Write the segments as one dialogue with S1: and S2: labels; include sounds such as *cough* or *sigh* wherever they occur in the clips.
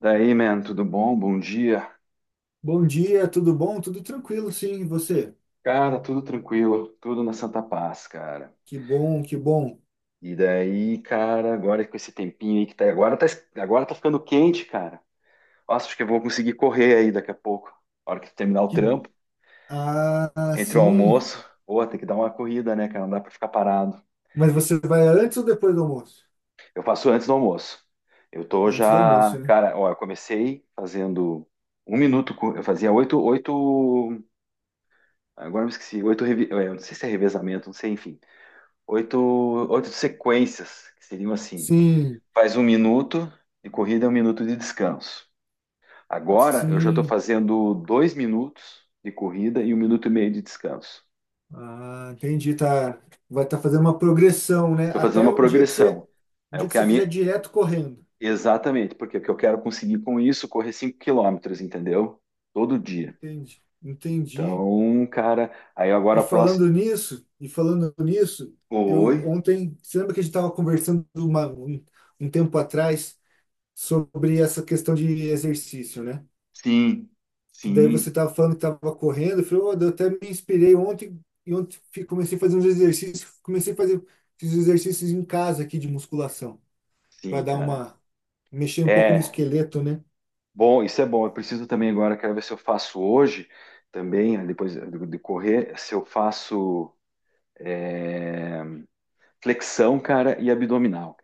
S1: Daí, man, tudo bom? Bom dia.
S2: Bom dia, tudo bom? Tudo tranquilo, sim, e você?
S1: Cara, tudo tranquilo, tudo na Santa Paz, cara.
S2: Que bom, que bom.
S1: E daí, cara, agora com esse tempinho aí que tá, agora tá, agora tá ficando quente, cara. Nossa, acho que eu vou conseguir correr aí daqui a pouco. A hora que terminar o
S2: Que...
S1: trampo,
S2: Ah,
S1: entre o
S2: sim.
S1: almoço, pô, tem que dar uma corrida, né, cara? Não dá pra ficar parado.
S2: Mas você vai antes ou depois do almoço?
S1: Eu faço antes do almoço. Eu tô
S2: Antes do
S1: já,
S2: almoço, né?
S1: cara, ó, eu comecei fazendo um minuto, eu fazia oito, oito, agora eu me esqueci, oito, eu não sei se é revezamento, não sei, enfim. Oito, 8 sequências, que seriam assim:
S2: Sim,
S1: faz um minuto de corrida e um minuto de descanso. Agora eu já estou
S2: sim.
S1: fazendo 2 minutos de corrida e um minuto e meio de descanso.
S2: Ah, entendi, tá. Vai estar fazendo uma progressão, né?
S1: Estou fazendo
S2: Até
S1: uma
S2: um dia que você,
S1: progressão.
S2: um
S1: É o
S2: dia que
S1: que
S2: você
S1: a
S2: fizer
S1: minha.
S2: direto correndo.
S1: Exatamente, porque o que eu quero conseguir com isso, correr 5 quilômetros, entendeu? Todo dia.
S2: Entendi, entendi.
S1: Então, cara, aí agora
S2: E
S1: a próxima.
S2: falando nisso, eu
S1: Oi?
S2: ontem, você lembra que a gente estava conversando um tempo atrás sobre essa questão de exercício, né?
S1: Sim,
S2: Que daí
S1: sim,
S2: você estava falando que estava correndo, eu falei, "Ô, eu até me inspirei ontem e ontem comecei a fazer uns exercícios, comecei a fazer esses exercícios em casa aqui de musculação, para
S1: sim,
S2: dar
S1: cara.
S2: uma mexer um pouco no
S1: É,
S2: esqueleto, né?"
S1: Bom, isso é bom. Eu preciso também agora, quero ver se eu faço hoje também, né, depois de correr, se eu faço é, flexão, cara, e abdominal.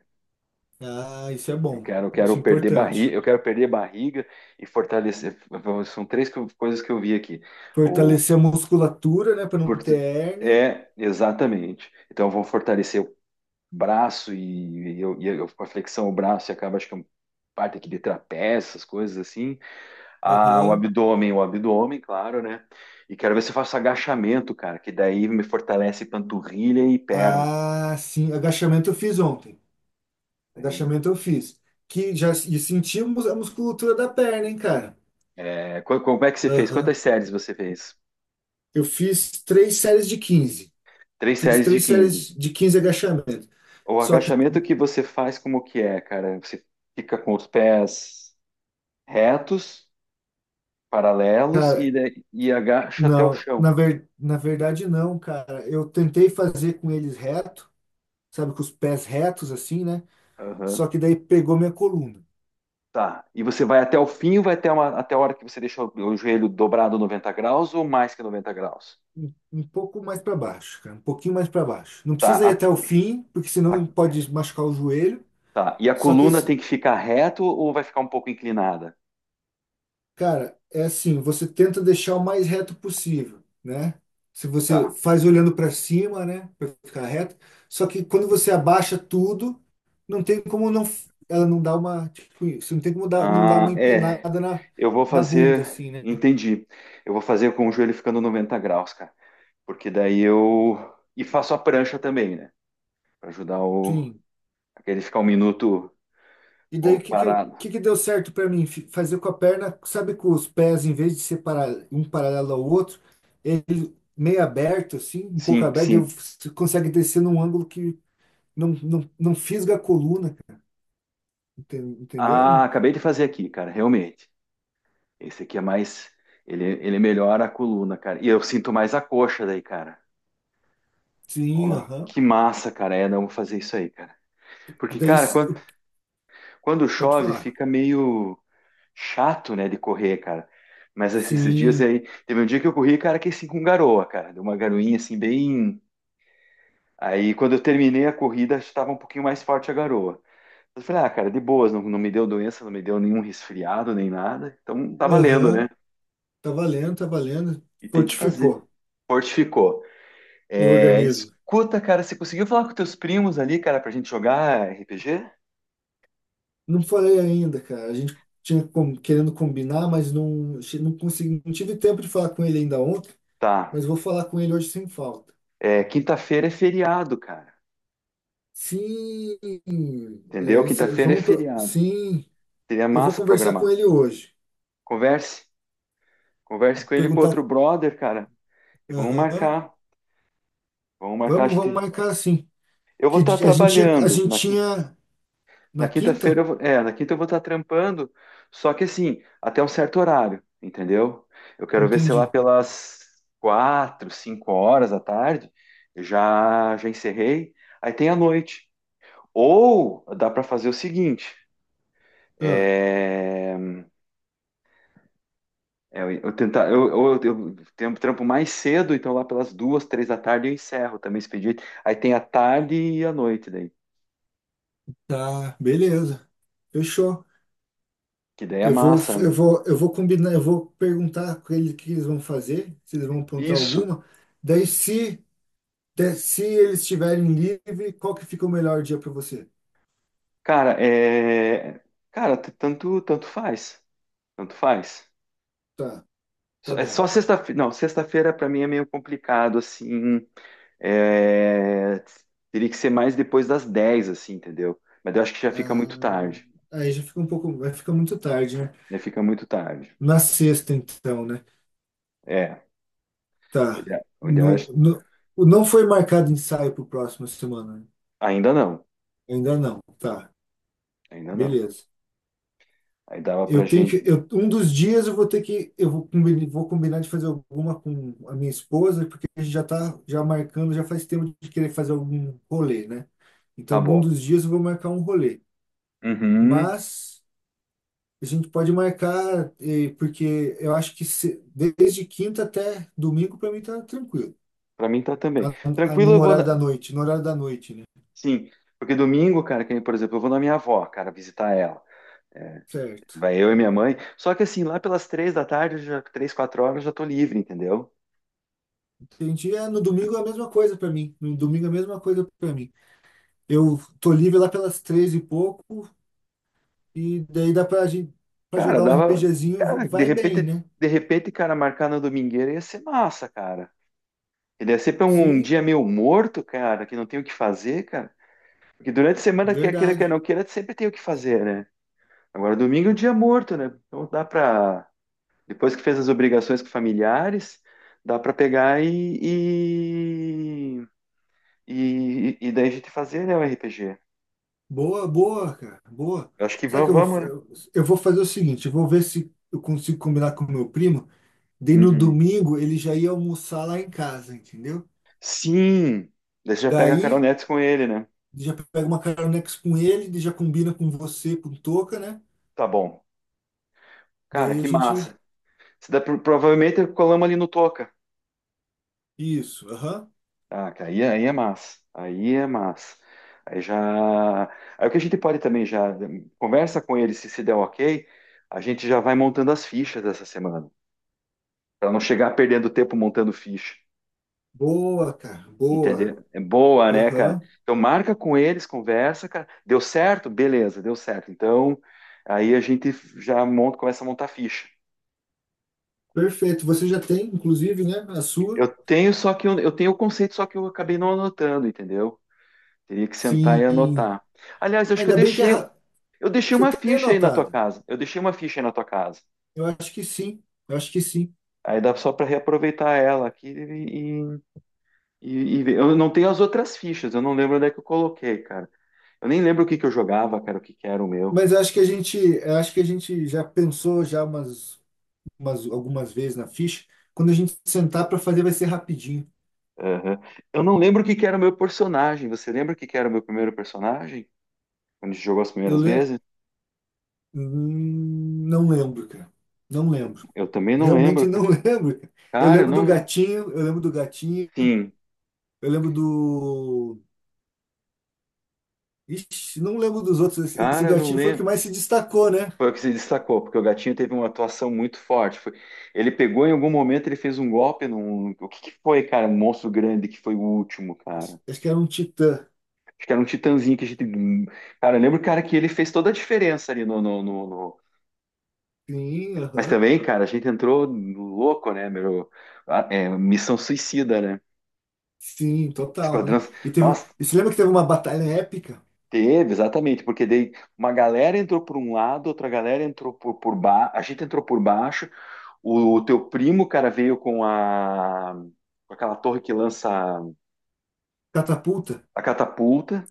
S2: Ah, isso é bom,
S1: Eu
S2: isso é
S1: quero perder
S2: importante.
S1: barriga, eu quero perder barriga e fortalecer. São três coisas que eu vi aqui. O
S2: Fortalecer a musculatura, né, para não ter
S1: forte-
S2: hérnia.
S1: é exatamente. Então eu vou fortalecer o braço e eu com a flexão o braço e acaba acho que é uma parte aqui de trapézio, essas coisas assim. Ah,
S2: Aham.
S1: o abdômen, claro, né? E quero ver se eu faço agachamento, cara, que daí me fortalece panturrilha e perna.
S2: Ah, sim, agachamento eu fiz ontem. Agachamento eu fiz. Que já e sentimos a musculatura da perna, hein, cara?
S1: É, como é que você fez?
S2: Aham.
S1: Quantas séries você fez?
S2: Eu fiz 3 séries de 15.
S1: Três
S2: Fiz
S1: séries de
S2: três séries
S1: quinze
S2: de 15 agachamentos.
S1: O
S2: Só que
S1: agachamento que você faz, como que é, cara? Você fica com os pés retos, paralelos e, e agacha até o
S2: não,
S1: chão.
S2: na verdade, não, cara. Eu tentei fazer com eles reto, sabe, com os pés retos, assim, né?
S1: Aham.
S2: Só que daí pegou minha coluna.
S1: Tá. E você vai até o fim, vai até, uma, até a hora que você deixa o joelho dobrado 90 graus ou mais que 90 graus?
S2: Um pouco mais para baixo, cara. Um pouquinho mais para baixo. Não precisa ir
S1: Tá.
S2: até o fim, porque senão
S1: A-
S2: pode machucar o joelho.
S1: Tá. E a
S2: Só que,
S1: coluna tem que ficar reto ou vai ficar um pouco inclinada?
S2: cara, é assim, você tenta deixar o mais reto possível, né? Se você
S1: Tá.
S2: faz olhando para cima, né, para ficar reto, só que quando você abaixa tudo, não tem como não ela não dar uma, tipo, isso, não tem como dar, não dar uma
S1: Ah, é.
S2: empinada na,
S1: Eu vou
S2: na bunda
S1: fazer.
S2: assim, né?
S1: Entendi. Eu vou fazer com o joelho ficando 90 graus, cara. Porque daí eu. E faço a prancha também, né? Pra ajudar o.
S2: Sim.
S1: Aquele ficar um minuto
S2: E daí o que que, o
S1: parado.
S2: que que deu certo para mim? Fazer com a perna, sabe, com os pés em vez de separar um paralelo ao outro, ele meio aberto assim, um pouco
S1: Sim,
S2: aberto, daí
S1: sim.
S2: você consegue descer num ângulo não fisga a coluna, entendeu?
S1: Ah,
S2: Não,
S1: acabei de fazer aqui, cara. Realmente. Esse aqui é mais. Ele melhora a coluna, cara. E eu sinto mais a coxa daí, cara.
S2: sim,
S1: Ó,
S2: aham.
S1: que massa, cara. É, não vou fazer isso aí, cara.
S2: E
S1: Porque,
S2: daí,
S1: cara,
S2: se,
S1: quando
S2: pode
S1: chove,
S2: falar.
S1: fica meio chato, né, de correr, cara. Mas esses dias
S2: Sim,
S1: aí, teve um dia que eu corri, cara, que assim com garoa, cara. Deu uma garoinha assim bem. Aí quando eu terminei a corrida, estava um pouquinho mais forte a garoa. Eu falei, ah, cara, de boas, não, não me deu doença, não me deu nenhum resfriado, nem nada. Então tá valendo, né?
S2: aham, tá valendo, tá valendo.
S1: E tem que fazer.
S2: Fortificou
S1: Fortificou.
S2: o
S1: É,
S2: organismo.
S1: escuta, cara, você conseguiu falar com teus primos ali, cara, pra gente jogar RPG?
S2: Não falei ainda, cara. A gente tinha querendo combinar, mas não, não consegui, não tive tempo de falar com ele ainda ontem,
S1: Tá.
S2: mas vou falar com ele hoje sem falta.
S1: É, quinta-feira é feriado, cara.
S2: Sim, é,
S1: Entendeu? Quinta-feira é
S2: vamos,
S1: feriado.
S2: sim,
S1: Seria
S2: eu vou
S1: massa
S2: conversar com
S1: programar.
S2: ele hoje.
S1: Converse, converse com ele e com
S2: Perguntar,
S1: outro brother, cara, e
S2: aham,
S1: vamos marcar a
S2: vamos
S1: gente.
S2: marcar assim.
S1: Eu vou estar
S2: A
S1: trabalhando
S2: gente
S1: na,
S2: tinha
S1: na
S2: na
S1: quinta-feira,
S2: quinta?
S1: eu na quinta eu vou estar trampando, só que assim, até um certo horário, entendeu? Eu quero ver, sei lá,
S2: Entendi.
S1: pelas quatro, cinco horas da tarde, eu já já encerrei. Aí tem a noite. Ou dá para fazer o seguinte,
S2: Ah,
S1: é, eu tentar, eu tenho trampo mais cedo, então lá pelas duas, três da tarde eu encerro também esse pedido. Aí tem a tarde e a noite daí,
S2: tá, beleza. Fechou.
S1: que daí é massa, né?
S2: Eu vou combinar, eu vou perguntar com eles o que eles vão fazer, se eles vão apontar
S1: Isso,
S2: alguma. Daí, se, se eles estiverem livre, qual que fica o melhor dia para você?
S1: cara, é, cara, tanto, tanto faz, tanto faz.
S2: Tá, tá
S1: É
S2: bom.
S1: só sexta-feira, não, sexta-feira pra mim é meio complicado, assim, é, teria que ser mais depois das 10 assim, entendeu? Mas eu acho que já fica
S2: Ah,
S1: muito tarde,
S2: aí já fica um pouco, vai ficar muito tarde, né?
S1: já fica muito tarde.
S2: Na sexta, então, né?
S1: É,
S2: Tá.
S1: o ideal é-
S2: No, no, não foi marcado ensaio para próxima semana, né?
S1: ainda não,
S2: Ainda não. Tá.
S1: ainda não.
S2: Beleza.
S1: Aí dava pra
S2: Eu tenho que,
S1: gente.
S2: eu, um dos dias eu vou ter que, eu vou combinar de fazer alguma com a minha esposa, porque a gente já tá já marcando, já faz tempo de querer fazer algum rolê, né? Então,
S1: Tá
S2: algum
S1: bom.
S2: dos dias eu vou marcar um rolê.
S1: Uhum.
S2: Mas a gente pode marcar, porque eu acho que desde quinta até domingo para mim tá tranquilo.
S1: Pra mim tá também.
S2: A-
S1: Tranquilo, eu
S2: no
S1: vou.
S2: horário da
S1: Na-
S2: noite, né?
S1: Sim, porque domingo, cara, que nem, por exemplo, eu vou na minha avó, cara, visitar ela. É,
S2: Certo.
S1: vai eu e minha mãe. Só que assim, lá pelas três da tarde, eu já, três, quatro horas, eu já tô livre, entendeu?
S2: Entendi. É, no domingo é a mesma coisa para mim. No domingo é a mesma coisa para mim. Eu tô livre lá pelas três e pouco, e daí dá pra gente pra
S1: Cara,
S2: jogar um
S1: dava.
S2: RPGzinho,
S1: Cara,
S2: vai bem, né?
S1: de repente, cara, marcar na domingueira ia ser massa, cara. Ele ia ser pra um, um
S2: Sim,
S1: dia meio morto, cara, que não tem o que fazer, cara. Porque durante a semana, quer queira, quer
S2: verdade.
S1: não queira, sempre tem o que fazer, né? Agora, domingo é um dia morto, né? Então dá pra. Depois que fez as obrigações com familiares, dá para pegar e daí a gente fazer, né, o RPG.
S2: Boa, boa, cara, boa.
S1: Eu acho que
S2: Será que
S1: vamos,
S2: eu vou,
S1: vamos, né?
S2: eu vou fazer o seguinte, eu vou ver se eu consigo combinar com o meu primo, daí no
S1: Uhum.
S2: domingo ele já ia almoçar lá em casa, entendeu?
S1: Sim! Daí você já pega a Carol
S2: Daí
S1: Nets com ele, né?
S2: já pega uma caronex com ele, daí já combina com você, com o Toca, né?
S1: Tá bom. Cara,
S2: Daí a
S1: que
S2: gente.
S1: massa. Se dá, provavelmente colamos ali no Toca.
S2: Isso, aham.
S1: Ah, cara, aí é massa. Aí é massa. Aí já. Aí o que a gente pode também já. Conversa com ele se der ok. A gente já vai montando as fichas dessa semana. Para não chegar perdendo tempo montando ficha.
S2: Boa, cara, boa.
S1: Entendeu? É boa, né, cara?
S2: Aham.
S1: Então marca com eles, conversa, cara. Deu certo? Beleza, deu certo. Então aí a gente já monta, começa a montar a ficha.
S2: Perfeito. Você já tem, inclusive, né, a sua?
S1: Eu tenho só que eu tenho o conceito, só que eu acabei não anotando, entendeu? Teria que sentar e
S2: Sim.
S1: anotar. Aliás, eu acho que
S2: Ainda bem que é
S1: eu deixei
S2: você
S1: uma
S2: tem
S1: ficha aí na tua
S2: anotado.
S1: casa. Eu deixei uma ficha aí na tua casa.
S2: Eu acho que sim. Eu acho que sim.
S1: Aí dá só para reaproveitar ela aqui e ver. Eu não tenho as outras fichas, eu não lembro onde é que eu coloquei, cara. Eu nem lembro o que que eu jogava, cara, o que que era o meu.
S2: Mas eu acho que a gente, já pensou já umas algumas vezes na ficha. Quando a gente sentar para fazer vai ser rapidinho.
S1: Aham. Eu não lembro o que que era o meu personagem. Você lembra o que que era o meu primeiro personagem? Quando a gente jogou as
S2: Eu
S1: primeiras
S2: le...
S1: vezes?
S2: Não lembro, cara. Não lembro.
S1: Eu também não
S2: Realmente
S1: lembro,
S2: não
S1: cara.
S2: *laughs* lembro, cara. Eu
S1: Cara, eu
S2: lembro do
S1: não lembro.
S2: gatinho,
S1: Sim,
S2: eu lembro do Ixi, não lembro dos outros. Esse
S1: cara, eu não
S2: gatinho foi o que
S1: lembro.
S2: mais se destacou, né?
S1: Foi o que se destacou, porque o gatinho teve uma atuação muito forte. Ele pegou em algum momento, ele fez um golpe num. O que que foi, cara? Um monstro grande que foi o último, cara.
S2: Acho que era um titã.
S1: Acho que era um titãzinho que a gente. Cara, eu lembro, cara, que ele fez toda a diferença ali no.
S2: Sim,
S1: Mas
S2: aham.
S1: também, cara, a gente entrou louco, né, meu? Ah, É, missão suicida, né?
S2: Sim, total,
S1: Esquadrão.
S2: né? E, teve,
S1: Nossa,
S2: e você lembra que teve uma batalha épica?
S1: teve, exatamente, porque daí uma galera entrou por um lado, outra galera entrou por baixo, a gente entrou por baixo, o teu primo, cara, veio com a com aquela torre que lança
S2: Catapulta?
S1: a catapulta,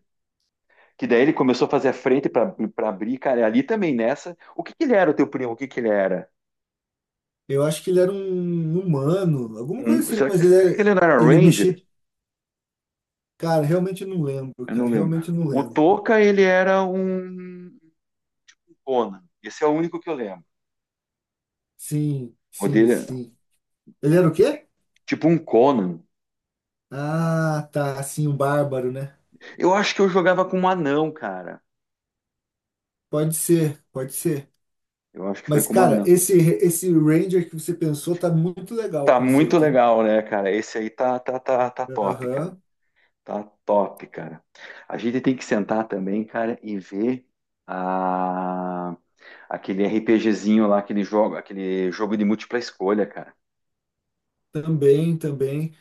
S1: que daí ele começou a fazer a frente para abrir, cara, e ali também nessa. O que que ele era, o teu primo? O que que ele era?
S2: Eu acho que ele era um humano, alguma coisa
S1: Um,
S2: assim, mas ele,
S1: será que ele não era
S2: ele
S1: Ranger?
S2: mexia. Cara, realmente eu não lembro,
S1: Eu não
S2: cara.
S1: lembro. O Toca, ele era um Conan. Esse é o único que eu lembro.
S2: Sim,
S1: O
S2: sim,
S1: dele, era
S2: sim. Ele era o quê?
S1: tipo um Conan.
S2: Ah, tá, assim, um bárbaro, né?
S1: Eu acho que eu jogava com um anão, cara.
S2: Pode ser, pode ser.
S1: Eu acho que foi
S2: Mas,
S1: com um
S2: cara,
S1: anão.
S2: esse Ranger que você pensou tá muito legal o
S1: Tá muito
S2: conceito, hein?
S1: legal, né, cara? Esse aí tá, tá, tá, tá top, cara.
S2: Aham,
S1: Tá top, cara. A gente tem que sentar também, cara, e ver a... aquele RPGzinho lá, aquele jogo de múltipla escolha, cara.
S2: também, também.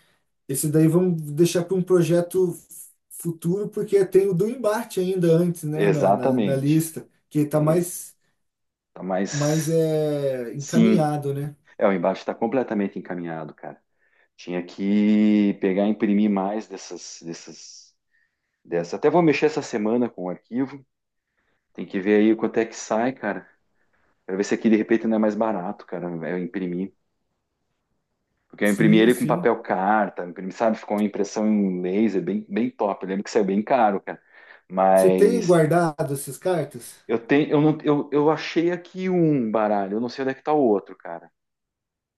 S2: Esse daí vamos deixar para um projeto futuro, porque tem o do embate ainda antes, né, na
S1: Exatamente.
S2: lista, que está
S1: Tem,
S2: mais,
S1: tá
S2: mais
S1: mais.
S2: é,
S1: Sim.
S2: encaminhado, né?
S1: É, o embate está completamente encaminhado, cara. Tinha que pegar e imprimir mais dessa. Até vou mexer essa semana com o arquivo. Tem que ver aí quanto é que sai, cara. Pra ver se aqui de repente não é mais barato, cara. Eu imprimir. Porque eu imprimi
S2: Sim,
S1: ele com
S2: sim.
S1: papel carta, imprimi, sabe? Ficou uma impressão em laser bem, bem top. Eu lembro que saiu bem caro, cara.
S2: Você tem
S1: Mas
S2: guardado essas cartas?
S1: eu tenho, eu não, eu achei aqui um baralho, eu não sei onde é que tá o outro, cara.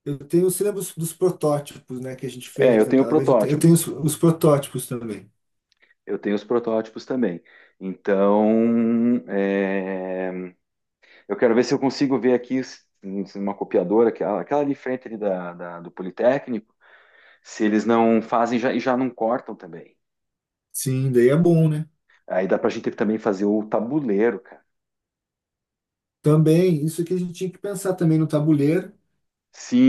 S2: Eu tenho, você lembra dos, dos protótipos, né, que a gente
S1: É, eu
S2: fez
S1: tenho o
S2: naquela vez? Eu
S1: protótipo.
S2: tenho os protótipos também.
S1: Eu tenho os protótipos também. Então, é, eu quero ver se eu consigo ver aqui se uma copiadora, aquela, aquela de frente ali da, do Politécnico. Se eles não fazem já, e já não cortam também.
S2: Sim, daí é bom, né?
S1: Aí dá pra gente também fazer o tabuleiro, cara.
S2: Também, isso que a gente tinha que pensar também no tabuleiro.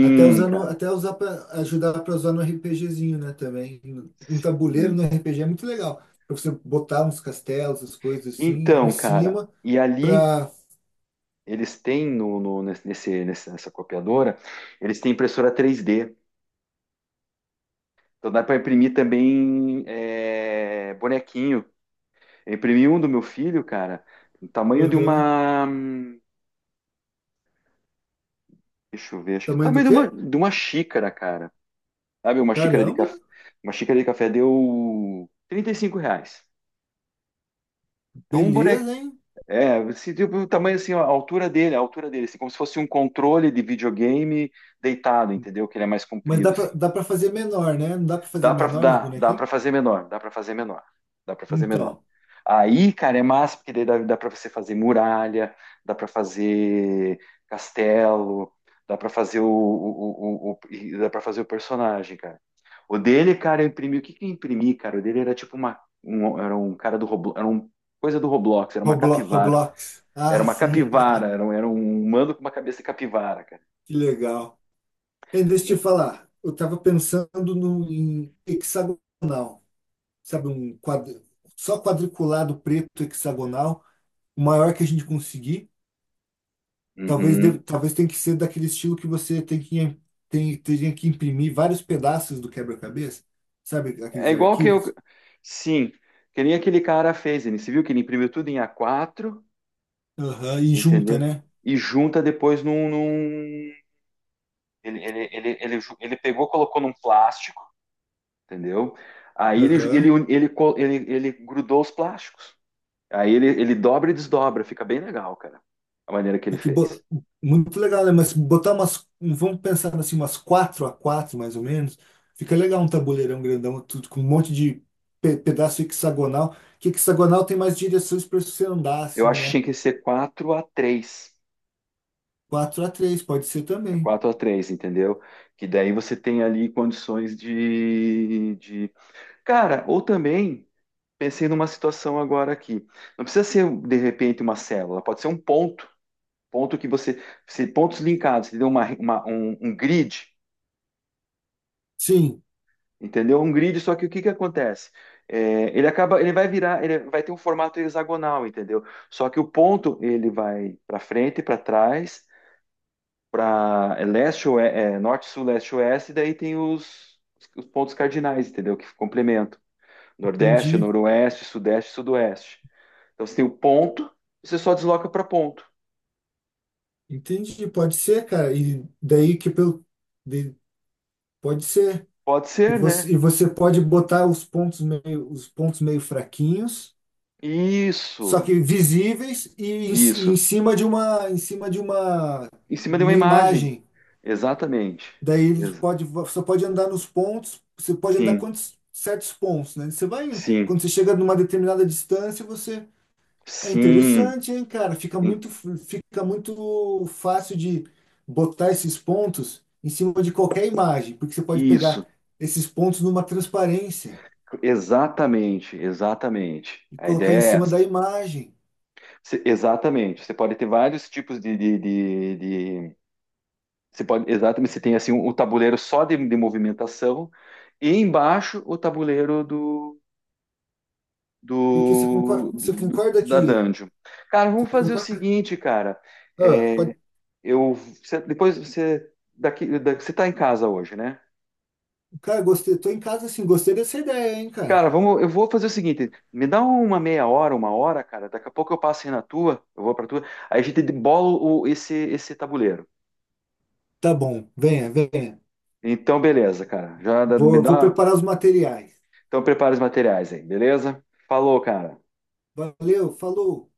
S2: Até usando,
S1: cara.
S2: até usar para ajudar para usar no RPGzinho, né, também. Um tabuleiro
S1: Sim.
S2: no RPG é muito legal, para você botar uns castelos, as coisas assim, em
S1: Então, cara,
S2: cima
S1: e ali
S2: para
S1: eles têm nesse, nessa copiadora, eles têm impressora 3D. Então dá para imprimir também bonequinho. Eu imprimi um do meu filho, cara, do tamanho de
S2: aham.
S1: uma. Deixa eu ver, acho que do
S2: Tamanho do
S1: tamanho
S2: quê?
S1: de uma xícara, cara. Sabe, uma xícara de
S2: Caramba,
S1: café. Uma xícara de café deu R$ 35. É um boneco.
S2: beleza, hein?
S1: É, se, tipo, o tamanho assim, a altura dele, assim, como se fosse um controle de videogame deitado, entendeu? Que ele é mais
S2: Mas dá
S1: comprido,
S2: para
S1: assim.
S2: dá para fazer menor, né? Não dá para fazer
S1: Dá pra,
S2: menor os
S1: dá, dá pra
S2: bonequinhos?
S1: fazer menor, dá pra fazer menor, dá pra fazer menor.
S2: Então,
S1: Aí, cara, é massa, porque daí dá, dá pra você fazer muralha, dá pra fazer castelo, dá pra fazer e dá pra fazer o personagem, cara. O dele, cara, eu imprimi, o que que eu imprimi, cara? O dele era tipo uma, um, era um cara do Roblox, era um coisa do Roblox, era uma
S2: Roblo-
S1: capivara.
S2: Roblox.
S1: Era
S2: Ah,
S1: uma
S2: sim.
S1: capivara,
S2: *laughs*
S1: era um humano com uma cabeça de capivara, cara.
S2: Que legal. E deixa eu te falar, eu tava pensando no, em hexagonal, sabe, um quadro, só quadriculado preto hexagonal, o maior que a gente conseguir. Talvez,
S1: Uhum.
S2: talvez tenha que ser daquele estilo que você tem que, tem, teria que imprimir vários pedaços do quebra-cabeça, sabe,
S1: É
S2: aqueles
S1: igual que eu.
S2: arquivos.
S1: Sim, que nem aquele cara fez, ele se viu que ele imprimiu tudo em A4,
S2: Aham, e junta,
S1: entendeu?
S2: né?
S1: E junta depois num. Ele pegou, colocou num plástico, entendeu? Aí
S2: Aham.
S1: ele, ele grudou os plásticos. Aí ele dobra e desdobra, fica bem legal, cara, a maneira que ele
S2: Porque
S1: fez.
S2: muito legal, né? Mas botar umas, vamos pensar assim, umas 4 a 4 mais ou menos, fica legal um tabuleirão grandão, tudo com um monte de pedaço hexagonal, que hexagonal tem mais direções para você andar,
S1: Eu
S2: assim,
S1: acho que
S2: né?
S1: tinha que ser 4 a 3,
S2: 4 a 3 pode ser também.
S1: 4 a 3, entendeu? Que daí você tem ali condições de... Cara, ou também, pensei numa situação agora aqui. Não precisa ser, de repente, uma célula, pode ser um ponto. Ponto que você. Pontos linkados, entendeu? Um grid,
S2: Sim,
S1: entendeu? Um grid, só que o que que acontece? É, ele acaba, ele vai virar, ele vai ter um formato hexagonal, entendeu? Só que o ponto ele vai para frente, para trás, para leste, norte, sul, leste, oeste, e daí tem os pontos cardinais, entendeu? Que complementam. Nordeste,
S2: entendi.
S1: noroeste, sudeste, sudoeste. Então você tem o ponto, você só desloca para ponto.
S2: Entendi, pode ser, cara. E daí que pelo, de- pode ser.
S1: Pode
S2: E
S1: ser,
S2: você,
S1: né?
S2: pode botar os pontos meio fraquinhos, só
S1: Isso,
S2: que visíveis e,
S1: isso.
S2: em cima de uma,
S1: Em cima de uma
S2: uma
S1: imagem.
S2: imagem.
S1: Exatamente.
S2: Daí ele
S1: Ex-
S2: pode, você pode andar nos pontos, você pode andar
S1: sim,
S2: quantos certos pontos, né? Você vai indo.
S1: sim,
S2: Quando você chega numa determinada distância, você é
S1: sim.
S2: interessante, hein, cara?
S1: Em-
S2: Fica muito fácil de botar esses pontos em cima de qualquer imagem, porque você pode pegar
S1: Isso.
S2: esses pontos numa transparência
S1: Exatamente, exatamente.
S2: e
S1: A
S2: colocar
S1: ideia
S2: em
S1: é
S2: cima
S1: essa.
S2: da imagem.
S1: Exatamente. Você pode ter vários tipos de, Você pode, exatamente, você tem assim o tabuleiro só de movimentação e embaixo o tabuleiro
S2: Porque você concorda
S1: da
S2: que.
S1: dungeon. Cara, vamos
S2: Você
S1: fazer o
S2: concorda?
S1: seguinte, cara.
S2: Ah,
S1: É,
S2: pode,
S1: eu depois você daqui, você tá em casa hoje, né?
S2: cara, gostei. Tô em casa assim, gostei dessa ideia, hein, cara?
S1: Cara, vamos, eu vou fazer o seguinte, me dá uma meia hora, uma hora, cara. Daqui a pouco eu passo aí na tua, eu vou pra tua. Aí a gente bola o, esse tabuleiro.
S2: Tá bom, venha, venha.
S1: Então, beleza, cara. Me
S2: Vou, vou
S1: dá.
S2: preparar os materiais.
S1: Então, prepara os materiais aí, beleza? Falou, cara.
S2: Valeu, falou.